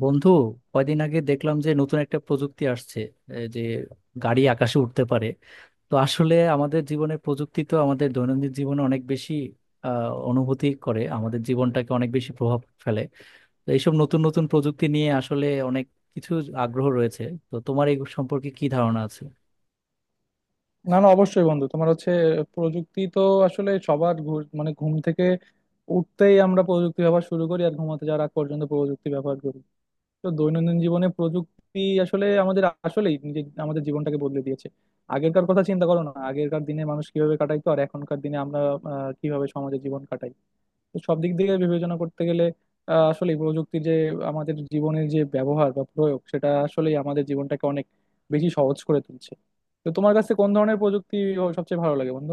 বন্ধু, কয়দিন আগে দেখলাম যে নতুন একটা প্রযুক্তি আসছে, যে গাড়ি আকাশে উঠতে পারে। তো আসলে আমাদের জীবনে প্রযুক্তি তো আমাদের দৈনন্দিন জীবনে অনেক বেশি অনুভূতি করে, আমাদের জীবনটাকে অনেক বেশি প্রভাব ফেলে। তো এইসব নতুন নতুন প্রযুক্তি নিয়ে আসলে অনেক কিছু আগ্রহ রয়েছে। তো তোমার এই সম্পর্কে কি ধারণা আছে? না, না, অবশ্যই বন্ধু। তোমার হচ্ছে প্রযুক্তি তো আসলে সবার মানে ঘুম থেকে উঠতেই আমরা প্রযুক্তি ব্যবহার শুরু করি, আর ঘুমাতে যাওয়ার আগ পর্যন্ত প্রযুক্তি ব্যবহার করি। তো দৈনন্দিন জীবনে প্রযুক্তি আসলে আমাদের আসলেই নিজে আমাদের জীবনটাকে বদলে দিয়েছে। আগেরকার কথা চিন্তা করো না, আগেরকার দিনে মানুষ কিভাবে কাটাইতো, আর এখনকার দিনে আমরা কিভাবে সমাজে জীবন কাটাই। তো সব দিক থেকে বিবেচনা করতে গেলে আসলে প্রযুক্তির যে আমাদের জীবনের যে ব্যবহার বা প্রয়োগ, সেটা আসলেই আমাদের জীবনটাকে অনেক বেশি সহজ করে তুলছে। তো তোমার কাছে কোন ধরনের প্রযুক্তি সবচেয়ে ভালো লাগে বন্ধু?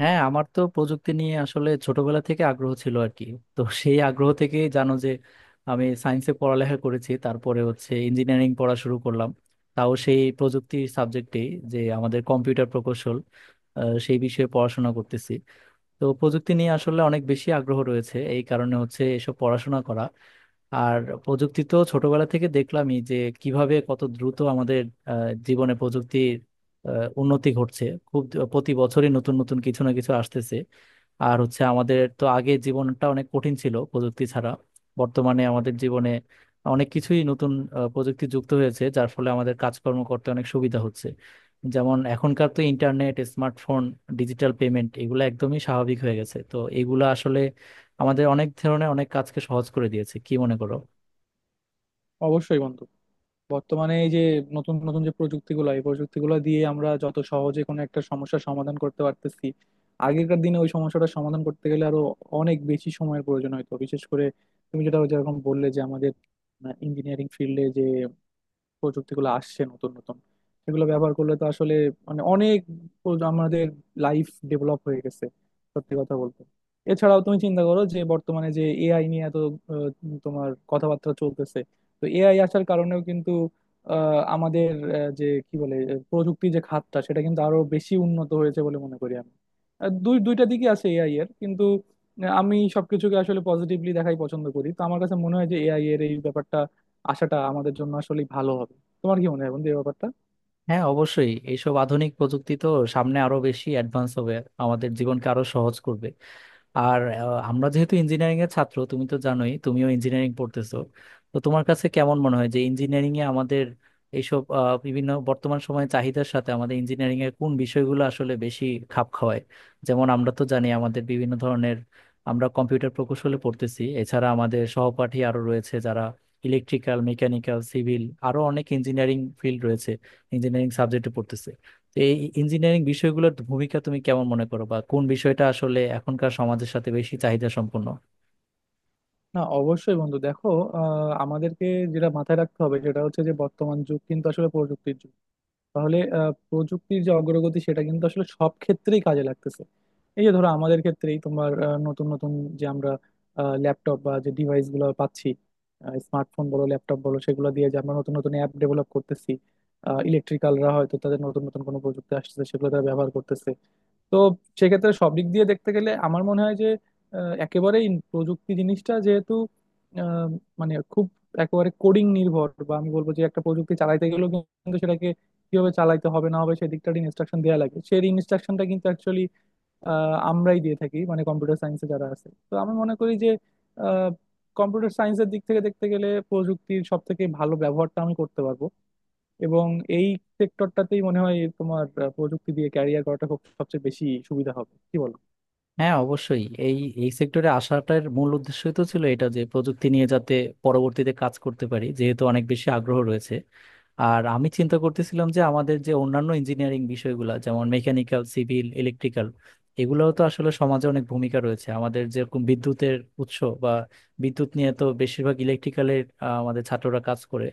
হ্যাঁ, আমার তো প্রযুক্তি নিয়ে আসলে ছোটবেলা থেকে আগ্রহ ছিল আর কি। তো সেই আগ্রহ থেকে জানো যে আমি সায়েন্সে পড়ালেখা করেছি, তারপরে হচ্ছে ইঞ্জিনিয়ারিং পড়া শুরু করলাম। তাও সেই প্রযুক্তি সাবজেক্টেই, যে আমাদের কম্পিউটার প্রকৌশল, সেই বিষয়ে পড়াশোনা করতেছি। তো প্রযুক্তি নিয়ে আসলে অনেক বেশি আগ্রহ রয়েছে, এই কারণে হচ্ছে এসব পড়াশোনা করা। আর প্রযুক্তি তো ছোটবেলা থেকে দেখলামই যে কিভাবে কত দ্রুত আমাদের আহ, জীবনে প্রযুক্তির উন্নতি ঘটছে। খুব প্রতি বছরই নতুন নতুন কিছু না কিছু আসতেছে। আর হচ্ছে, আমাদের তো আগে জীবনটা অনেক কঠিন ছিল প্রযুক্তি ছাড়া। বর্তমানে আমাদের জীবনে অনেক কিছুই নতুন প্রযুক্তি যুক্ত হয়েছে, যার ফলে আমাদের কাজকর্ম করতে অনেক সুবিধা হচ্ছে। যেমন এখনকার তো ইন্টারনেট, স্মার্টফোন, ডিজিটাল পেমেন্ট, এগুলো একদমই স্বাভাবিক হয়ে গেছে। তো এগুলো আসলে আমাদের অনেক ধরনের অনেক কাজকে সহজ করে দিয়েছে, কি মনে করো? অবশ্যই বন্ধু, বর্তমানে এই যে নতুন নতুন যে প্রযুক্তিগুলো, এই প্রযুক্তিগুলো দিয়ে আমরা যত সহজে কোনো একটা সমস্যার সমাধান করতে পারতেছি, আগেকার দিনে ওই সমস্যাটা সমাধান করতে গেলে আরো অনেক বেশি সময়ের প্রয়োজন হতো। বিশেষ করে তুমি যেটা যেরকম বললে যে আমাদের ইঞ্জিনিয়ারিং ফিল্ডে যে প্রযুক্তিগুলো আসছে নতুন নতুন, সেগুলো ব্যবহার করলে তো আসলে মানে অনেক আমাদের লাইফ ডেভেলপ হয়ে গেছে সত্যি কথা বলতে। এছাড়াও তুমি চিন্তা করো যে বর্তমানে যে এআই নিয়ে এত আহ, তোমার কথাবার্তা চলতেছে। তো এআই আসার কারণেও কিন্তু আমাদের আহ, যে কি বলে আহ, প্রযুক্তি যে খাতটা, সেটা কিন্তু আরো বেশি উন্নত হয়েছে বলে মনে করি আমি। দুই দুইটা দিকই আছে এআই এর, কিন্তু আমি সবকিছুকে আসলে পজিটিভলি দেখাই পছন্দ করি। তো আমার কাছে মনে হয় যে এআই এর এই ব্যাপারটা, আশাটা আমাদের জন্য আসলে ভালো হবে। তোমার কি মনে হয় বন্ধু এই ব্যাপারটা? হ্যাঁ, অবশ্যই এইসব আধুনিক প্রযুক্তি তো সামনে আরো বেশি অ্যাডভান্স হবে, আমাদের জীবনকে আরো সহজ করবে। আর আমরা যেহেতু ইঞ্জিনিয়ারিং এর ছাত্র, তুমি তো জানোই তুমিও ইঞ্জিনিয়ারিং পড়তেছো। তো তোমার কাছে কেমন মনে হয় যে ইঞ্জিনিয়ারিং এ আমাদের এইসব বিভিন্ন বর্তমান সময়ে চাহিদার সাথে আমাদের ইঞ্জিনিয়ারিং এর কোন বিষয়গুলো আসলে বেশি খাপ খাওয়ায়? যেমন আমরা তো জানি আমাদের বিভিন্ন ধরনের, আমরা কম্পিউটার প্রকৌশলে পড়তেছি, এছাড়া আমাদের সহপাঠী আরো রয়েছে যারা ইলেকট্রিক্যাল, মেকানিক্যাল, সিভিল, আরো অনেক ইঞ্জিনিয়ারিং ফিল্ড রয়েছে, ইঞ্জিনিয়ারিং সাবজেক্টে পড়তেছে। তো এই ইঞ্জিনিয়ারিং বিষয়গুলোর ভূমিকা তুমি কেমন মনে করো, বা কোন বিষয়টা আসলে এখনকার সমাজের সাথে বেশি চাহিদা সম্পন্ন? না, অবশ্যই বন্ধু, দেখো, আমাদেরকে যেটা মাথায় রাখতে হবে সেটা হচ্ছে যে বর্তমান যুগ কিন্তু আসলে প্রযুক্তির যুগ। তাহলে প্রযুক্তির যে অগ্রগতি, সেটা কিন্তু আসলে সব ক্ষেত্রেই কাজে লাগতেছে। এই যে ধরো আমাদের ক্ষেত্রেই তোমার নতুন নতুন যে আমরা ল্যাপটপ বা যে ডিভাইস গুলো পাচ্ছি, স্মার্টফোন বলো ল্যাপটপ বলো, সেগুলো দিয়ে যে আমরা নতুন নতুন অ্যাপ ডেভেলপ করতেছি। ইলেকট্রিক্যালরা হয়তো তাদের নতুন নতুন কোনো প্রযুক্তি আসতেছে সেগুলো তারা ব্যবহার করতেছে। তো সেক্ষেত্রে সব দিক দিয়ে দেখতে গেলে আমার মনে হয় যে একেবারেই প্রযুক্তি জিনিসটা যেহেতু আহ, মানে খুব একেবারে কোডিং নির্ভর, বা আমি বলবো যে একটা প্রযুক্তি চালাইতে গেলেও কিন্তু সেটাকে কিভাবে চালাইতে হবে না হবে সেই দিকটার ইনস্ট্রাকশন দেওয়া লাগে। সেই ইনস্ট্রাকশনটা কিন্তু অ্যাকচুয়ালি আমরাই দিয়ে থাকি, মানে কম্পিউটার সায়েন্সে যারা আছে। তো আমি মনে করি যে কম্পিউটার সায়েন্সের দিক থেকে দেখতে গেলে প্রযুক্তির সব থেকে ভালো ব্যবহারটা আমি করতে পারবো, এবং এই সেক্টরটাতেই মনে হয় তোমার প্রযুক্তি দিয়ে ক্যারিয়ার করাটা খুব সবচেয়ে বেশি সুবিধা হবে। কি বলো? হ্যাঁ, অবশ্যই এই এই সেক্টরে আসাটার মূল উদ্দেশ্যই তো ছিল এটা, যে প্রযুক্তি নিয়ে যাতে পরবর্তীতে কাজ করতে পারি, যেহেতু অনেক বেশি আগ্রহ রয়েছে। আর আমি চিন্তা করতেছিলাম যে আমাদের যে অন্যান্য ইঞ্জিনিয়ারিং বিষয়গুলো, যেমন মেকানিক্যাল, সিভিল, ইলেকট্রিক্যাল, এগুলোও তো আসলে সমাজে অনেক ভূমিকা রয়েছে। আমাদের যেরকম বিদ্যুতের উৎস বা বিদ্যুৎ নিয়ে তো বেশিরভাগ ইলেকট্রিক্যালের আমাদের ছাত্ররা কাজ করে।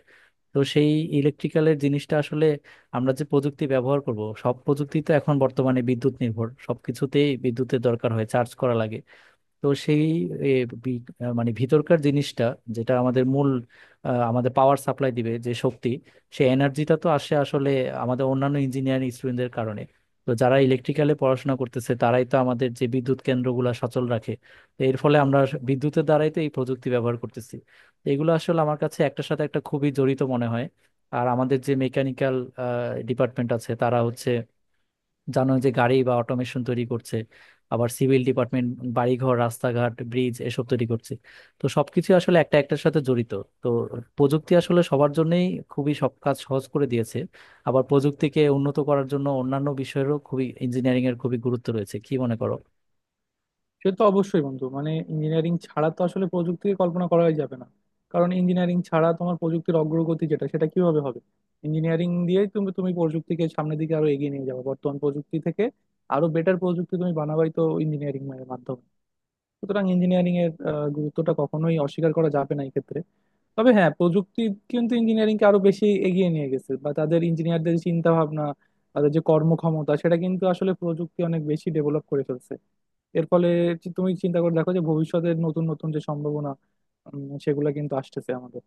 তো সেই ইলেকট্রিক্যালের জিনিসটা আসলে, আমরা যে প্রযুক্তি ব্যবহার করব, সব প্রযুক্তি তো এখন বর্তমানে বিদ্যুৎ নির্ভর, সবকিছুতেই বিদ্যুতের দরকার হয়, চার্জ করা লাগে। তো সেই এ, মানে ভিতরকার জিনিসটা, যেটা আমাদের মূল, আমাদের পাওয়ার সাপ্লাই দিবে, যে শক্তি, সেই এনার্জিটা তো আসে আসলে আমাদের অন্যান্য ইঞ্জিনিয়ারিং স্টুডেন্টদের কারণে। তো যারা ইলেকট্রিক্যালে পড়াশোনা করতেছে, তারাই তো আমাদের যে বিদ্যুৎ কেন্দ্রগুলো সচল রাখে। তো এর ফলে আমরা বিদ্যুতের দ্বারাই তো এই প্রযুক্তি ব্যবহার করতেছি। তো এগুলো আসলে আমার কাছে একটার সাথে একটা খুবই জড়িত মনে হয়। আর আমাদের যে মেকানিক্যাল ডিপার্টমেন্ট আছে, তারা হচ্ছে, জানো যে, গাড়ি বা অটোমেশন তৈরি করছে। আবার সিভিল ডিপার্টমেন্ট বাড়িঘর, রাস্তাঘাট, ব্রিজ এসব তৈরি করছে। তো সবকিছু আসলে একটা একটার সাথে জড়িত। তো প্রযুক্তি আসলে সবার জন্যই খুবই সব কাজ সহজ করে দিয়েছে। আবার প্রযুক্তিকে উন্নত করার জন্য অন্যান্য বিষয়েরও খুবই, ইঞ্জিনিয়ারিং এর খুবই গুরুত্ব রয়েছে, কি মনে করো? সে তো অবশ্যই বন্ধু, মানে ইঞ্জিনিয়ারিং ছাড়া তো আসলে প্রযুক্তিকে কল্পনা করাই যাবে না। কারণ ইঞ্জিনিয়ারিং ছাড়া তোমার প্রযুক্তির অগ্রগতি যেটা, সেটা কিভাবে হবে? ইঞ্জিনিয়ারিং দিয়েই তুমি তুমি প্রযুক্তিকে সামনের দিকে আরো এগিয়ে নিয়ে যাবে, বর্তমান প্রযুক্তি থেকে আরো বেটার প্রযুক্তি তুমি বানাবাই তো ইঞ্জিনিয়ারিং এর মাধ্যমে। সুতরাং ইঞ্জিনিয়ারিং এর গুরুত্বটা কখনোই অস্বীকার করা যাবে না এই ক্ষেত্রে। তবে হ্যাঁ, প্রযুক্তি কিন্তু ইঞ্জিনিয়ারিং কে আরো বেশি এগিয়ে নিয়ে গেছে, বা তাদের ইঞ্জিনিয়ারদের চিন্তা ভাবনা, তাদের যে কর্মক্ষমতা, সেটা কিন্তু আসলে প্রযুক্তি অনেক বেশি ডেভেলপ করে ফেলছে। এর ফলে তুমি চিন্তা করে দেখো যে ভবিষ্যতের নতুন নতুন যে সম্ভাবনা, সেগুলা কিন্তু আসতেছে আমাদের,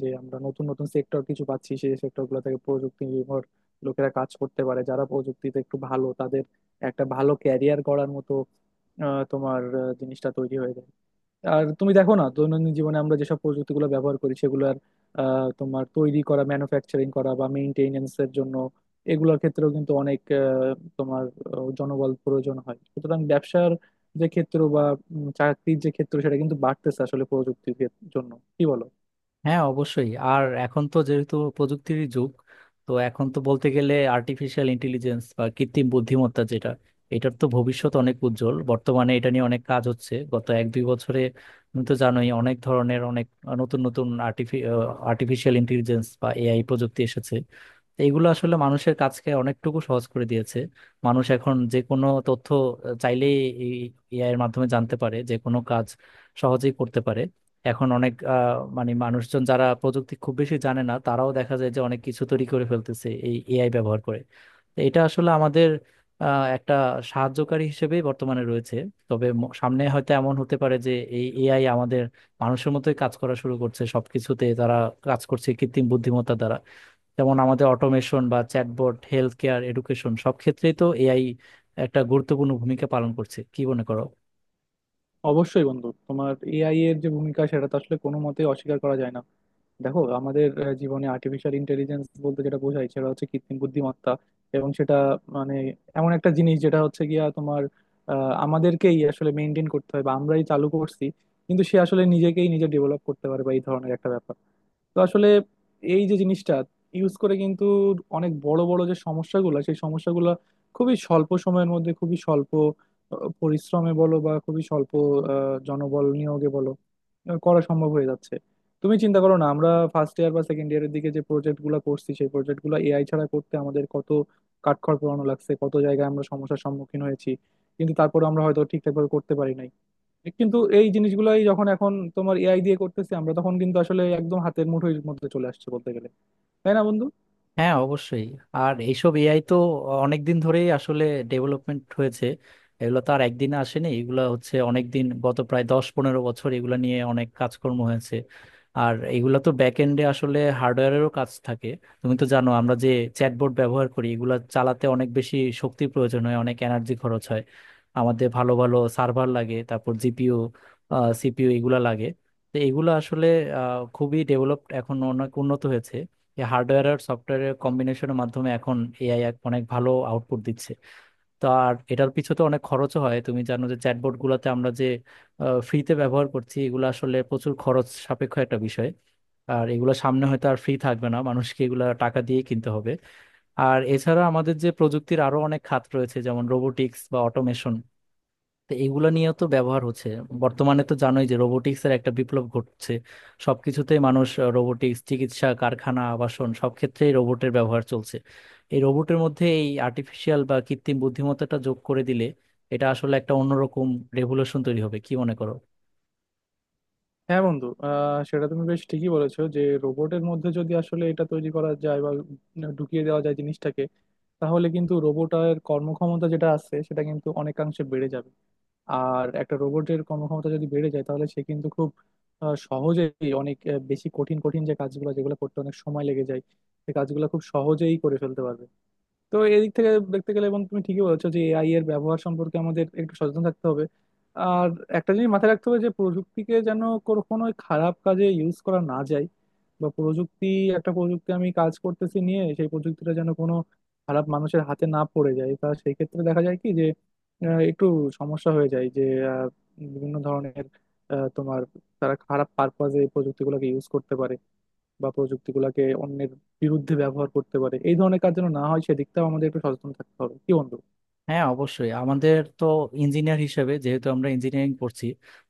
যে আমরা নতুন নতুন সেক্টর কিছু পাচ্ছি। সেই সেক্টর গুলো থেকে প্রযুক্তি নির্ভর লোকেরা কাজ করতে পারে, যারা প্রযুক্তিতে একটু ভালো তাদের একটা ভালো ক্যারিয়ার গড়ার মতো তোমার জিনিসটা তৈরি হয়ে যায়। আর তুমি দেখো না, দৈনন্দিন জীবনে আমরা যেসব প্রযুক্তিগুলো ব্যবহার করি সেগুলোর তোমার তৈরি করা, ম্যানুফ্যাকচারিং করা বা মেইনটেনেন্স এর জন্য এগুলোর ক্ষেত্রেও কিন্তু অনেক তোমার জনবল প্রয়োজন হয়। সুতরাং ব্যবসার যে ক্ষেত্র বা চাকরির যে ক্ষেত্র, সেটা কিন্তু বাড়তেছে আসলে প্রযুক্তির ক্ষেত- জন্য। কি বলো? হ্যাঁ, অবশ্যই। আর এখন তো যেহেতু প্রযুক্তির যুগ, তো এখন তো বলতে গেলে আর্টিফিশিয়াল ইন্টেলিজেন্স বা কৃত্রিম বুদ্ধিমত্তা, যেটা, এটার তো ভবিষ্যৎ অনেক উজ্জ্বল। বর্তমানে এটা নিয়ে অনেক কাজ হচ্ছে গত 1-2 বছরে। তুমি তো জানোই অনেক ধরনের, অনেক নতুন নতুন আর্টিফিশিয়াল ইন্টেলিজেন্স বা এআই প্রযুক্তি এসেছে। তো এগুলো আসলে মানুষের কাজকে অনেকটুকু সহজ করে দিয়েছে। মানুষ এখন যে কোনো তথ্য চাইলেই এই এআই এর মাধ্যমে জানতে পারে, যে কোনো কাজ সহজেই করতে পারে। এখন অনেক মানে মানুষজন যারা প্রযুক্তি খুব বেশি জানে না, তারাও দেখা যায় যে অনেক কিছু তৈরি করে ফেলতেছে এই এআই ব্যবহার করে। তো এটা আসলে আমাদের একটা সাহায্যকারী হিসেবেই বর্তমানে রয়েছে। তবে সামনে হয়তো এমন হতে পারে যে এই এআই আমাদের মানুষের মতোই কাজ করা শুরু করছে, সবকিছুতে তারা কাজ করছে কৃত্রিম বুদ্ধিমত্তা দ্বারা। যেমন আমাদের অটোমেশন বা চ্যাটবট, হেলথ কেয়ার, এডুকেশন, সব ক্ষেত্রেই তো এআই একটা গুরুত্বপূর্ণ ভূমিকা পালন করছে, কি মনে করো? অবশ্যই বন্ধু, তোমার এআই এর যে ভূমিকা, সেটা তো আসলে কোনো মতে অস্বীকার করা যায় না। দেখো আমাদের জীবনে আর্টিফিশিয়াল ইন্টেলিজেন্স বলতে যেটা বোঝায় সেটা হচ্ছে কৃত্রিম বুদ্ধিমত্তা, এবং সেটা মানে এমন একটা জিনিস যেটা হচ্ছে গিয়া তোমার আমাদেরকেই আসলে মেনটেন করতে হয় বা আমরাই চালু করছি, কিন্তু সে আসলে নিজেকেই নিজে ডেভেলপ করতে পারে বা এই ধরনের একটা ব্যাপার। তো আসলে এই যে জিনিসটা ইউজ করে কিন্তু অনেক বড় বড় যে সমস্যাগুলো, সেই সমস্যাগুলো খুবই স্বল্প সময়ের মধ্যে, খুবই স্বল্প পরিশ্রমে বলো বা খুবই স্বল্প জনবল নিয়োগে বলো করা সম্ভব হয়ে যাচ্ছে। তুমি চিন্তা করো না, আমরা ফার্স্ট ইয়ার বা সেকেন্ড ইয়ারের দিকে যে প্রজেক্ট গুলা করছি, সেই প্রজেক্ট গুলা এআই ছাড়া করতে আমাদের কত কাঠখড় পোড়ানো লাগছে, কত জায়গায় আমরা সমস্যার সম্মুখীন হয়েছি, কিন্তু তারপরে আমরা হয়তো ঠিকঠাক ভাবে করতে পারি নাই। কিন্তু এই জিনিসগুলাই যখন এখন তোমার এআই দিয়ে করতেছি আমরা, তখন কিন্তু আসলে একদম হাতের মুঠোর মধ্যে চলে আসছে বলতে গেলে। তাই না বন্ধু? হ্যাঁ, অবশ্যই। আর এইসব এআই তো অনেক দিন ধরেই আসলে ডেভেলপমেন্ট হয়েছে। এগুলো তো আর একদিনে আসেনি। এগুলো হচ্ছে অনেক দিন, গত প্রায় 10-15 বছর এগুলো নিয়ে অনেক কাজকর্ম হয়েছে। আর এগুলো তো ব্যাক এন্ডে আসলে হার্ডওয়্যারেরও কাজ থাকে। তুমি তো জানো, আমরা যে চ্যাটবোর্ড ব্যবহার করি, এগুলো চালাতে অনেক বেশি শক্তি প্রয়োজন হয়, অনেক এনার্জি খরচ হয়। আমাদের ভালো ভালো সার্ভার লাগে, তারপর জিপিইউ, সিপিইউ এগুলা লাগে। তো এগুলো আসলে খুবই ডেভেলপড এখন, অনেক উন্নত হয়েছে। যে হার্ডওয়্যার আর সফটওয়্যারের কম্বিনেশনের মাধ্যমে এখন এআই এক অনেক ভালো আউটপুট দিচ্ছে। তো আর এটার পিছনে তো অনেক খরচও হয়। তুমি জানো যে চ্যাটবট গুলাতে আমরা যে ফ্রিতে ব্যবহার করছি, এগুলো আসলে প্রচুর খরচ সাপেক্ষ একটা বিষয়। আর এগুলো সামনে হয়তো আর ফ্রি থাকবে না, মানুষকে এগুলো টাকা দিয়ে কিনতে হবে। আর এছাড়া আমাদের যে প্রযুক্তির আরো অনেক খাত রয়েছে, যেমন রোবোটিক্স বা অটোমেশন, তো এগুলো নিয়েও তো ব্যবহার হচ্ছে। বর্তমানে তো জানোই যে রোবোটিক্সের একটা বিপ্লব ঘটছে। সবকিছুতেই মানুষ রোবোটিক্স, চিকিৎসা, কারখানা, আবাসন, সব ক্ষেত্রেই রোবটের ব্যবহার চলছে। এই রোবটের মধ্যে এই আর্টিফিশিয়াল বা কৃত্রিম বুদ্ধিমত্তাটা যোগ করে দিলে এটা আসলে একটা অন্যরকম রেভলিউশন তৈরি হবে, কি মনে করো? হ্যাঁ বন্ধু, আহ, সেটা তুমি বেশ ঠিকই বলেছো যে রোবটের মধ্যে যদি আসলে এটা তৈরি করা যায় বা ঢুকিয়ে দেওয়া যায় জিনিসটাকে, তাহলে কিন্তু রোবটের কর্মক্ষমতা যেটা আছে সেটা কিন্তু অনেকাংশে বেড়ে যাবে। আর একটা রোবটের কর্মক্ষমতা যদি বেড়ে যায়, তাহলে সে কিন্তু খুব সহজেই অনেক বেশি কঠিন কঠিন যে কাজগুলো, যেগুলো করতে অনেক সময় লেগে যায়, সেই কাজগুলো খুব সহজেই করে ফেলতে পারবে। তো এদিক থেকে দেখতে গেলে, এবং তুমি ঠিকই বলেছো যে এআই এর ব্যবহার সম্পর্কে আমাদের একটু সচেতন থাকতে হবে। আর একটা জিনিস মাথায় রাখতে হবে, যে প্রযুক্তিকে যেন কখনোই খারাপ কাজে ইউজ করা না যায়। বা প্রযুক্তি, একটা প্রযুক্তি আমি কাজ করতেছি নিয়ে, সেই প্রযুক্তিটা যেন কোনো খারাপ মানুষের হাতে না পড়ে যায়। তা সেই ক্ষেত্রে দেখা যায় কি যে একটু সমস্যা হয়ে যায়, যে আহ, বিভিন্ন ধরনের তোমার তারা খারাপ পারপাজে এই প্রযুক্তিগুলোকে ইউজ করতে পারে, বা প্রযুক্তিগুলোকে অন্যের বিরুদ্ধে ব্যবহার করতে পারে। এই ধরনের কাজ যেন না হয় সেদিকটাও আমাদের একটু সচেতন থাকতে হবে, কি বন্ধু? হ্যাঁ, অবশ্যই। আমাদের তো ইঞ্জিনিয়ার হিসেবে, যেহেতু আমরা ইঞ্জিনিয়ারিং পড়ছি,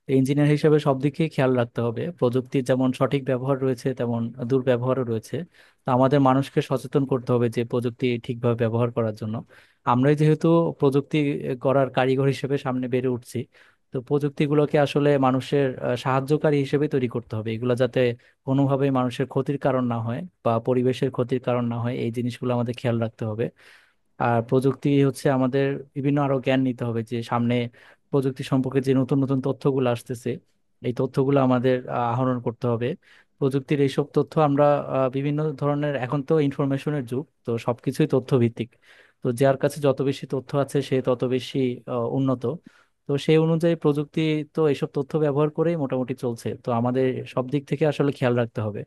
তো ইঞ্জিনিয়ার হিসেবে সব দিকে খেয়াল রাখতে হবে। প্রযুক্তির যেমন সঠিক ব্যবহার রয়েছে, তেমন দুর্ব্যবহারও রয়েছে। তো আমাদের মানুষকে সচেতন করতে হবে, যে প্রযুক্তি ঠিকভাবে ব্যবহার করার জন্য। আমরাই যেহেতু প্রযুক্তি করার কারিগর হিসেবে সামনে বেড়ে উঠছি, তো প্রযুক্তিগুলোকে আসলে মানুষের সাহায্যকারী হিসেবে তৈরি করতে হবে, এগুলো যাতে কোনোভাবেই মানুষের ক্ষতির কারণ না হয় বা পরিবেশের ক্ষতির কারণ না হয়, এই জিনিসগুলো আমাদের খেয়াল রাখতে হবে। আর প্রযুক্তি হচ্ছে আমাদের, বিভিন্ন আরো জ্ঞান নিতে হবে, যে সামনে প্রযুক্তি সম্পর্কে যে নতুন নতুন তথ্যগুলো আসতেছে, এই তথ্যগুলো আমাদের আহরণ করতে হবে। প্রযুক্তির এইসব তথ্য আমরা বিভিন্ন ধরনের, এখন তো ইনফরমেশনের যুগ, তো সবকিছুই তথ্য ভিত্তিক। তো যার কাছে যত বেশি তথ্য আছে, সে তত বেশি উন্নত। তো সেই অনুযায়ী প্রযুক্তি তো এইসব তথ্য ব্যবহার করেই মোটামুটি চলছে। তো আমাদের সব দিক থেকে আসলে খেয়াল রাখতে হবে।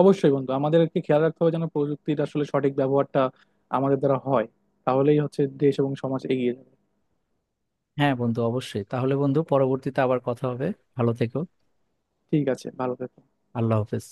অবশ্যই বন্ধু, আমাদেরকে খেয়াল রাখতে হবে যেন প্রযুক্তির আসলে সঠিক ব্যবহারটা আমাদের দ্বারা হয়। তাহলেই হচ্ছে দেশ এবং সমাজ এগিয়ে যাবে। হ্যাঁ বন্ধু, অবশ্যই। তাহলে বন্ধু, পরবর্তীতে আবার কথা হবে। ভালো থেকো। ঠিক আছে, ভালো থেকো। আল্লাহ হাফেজ।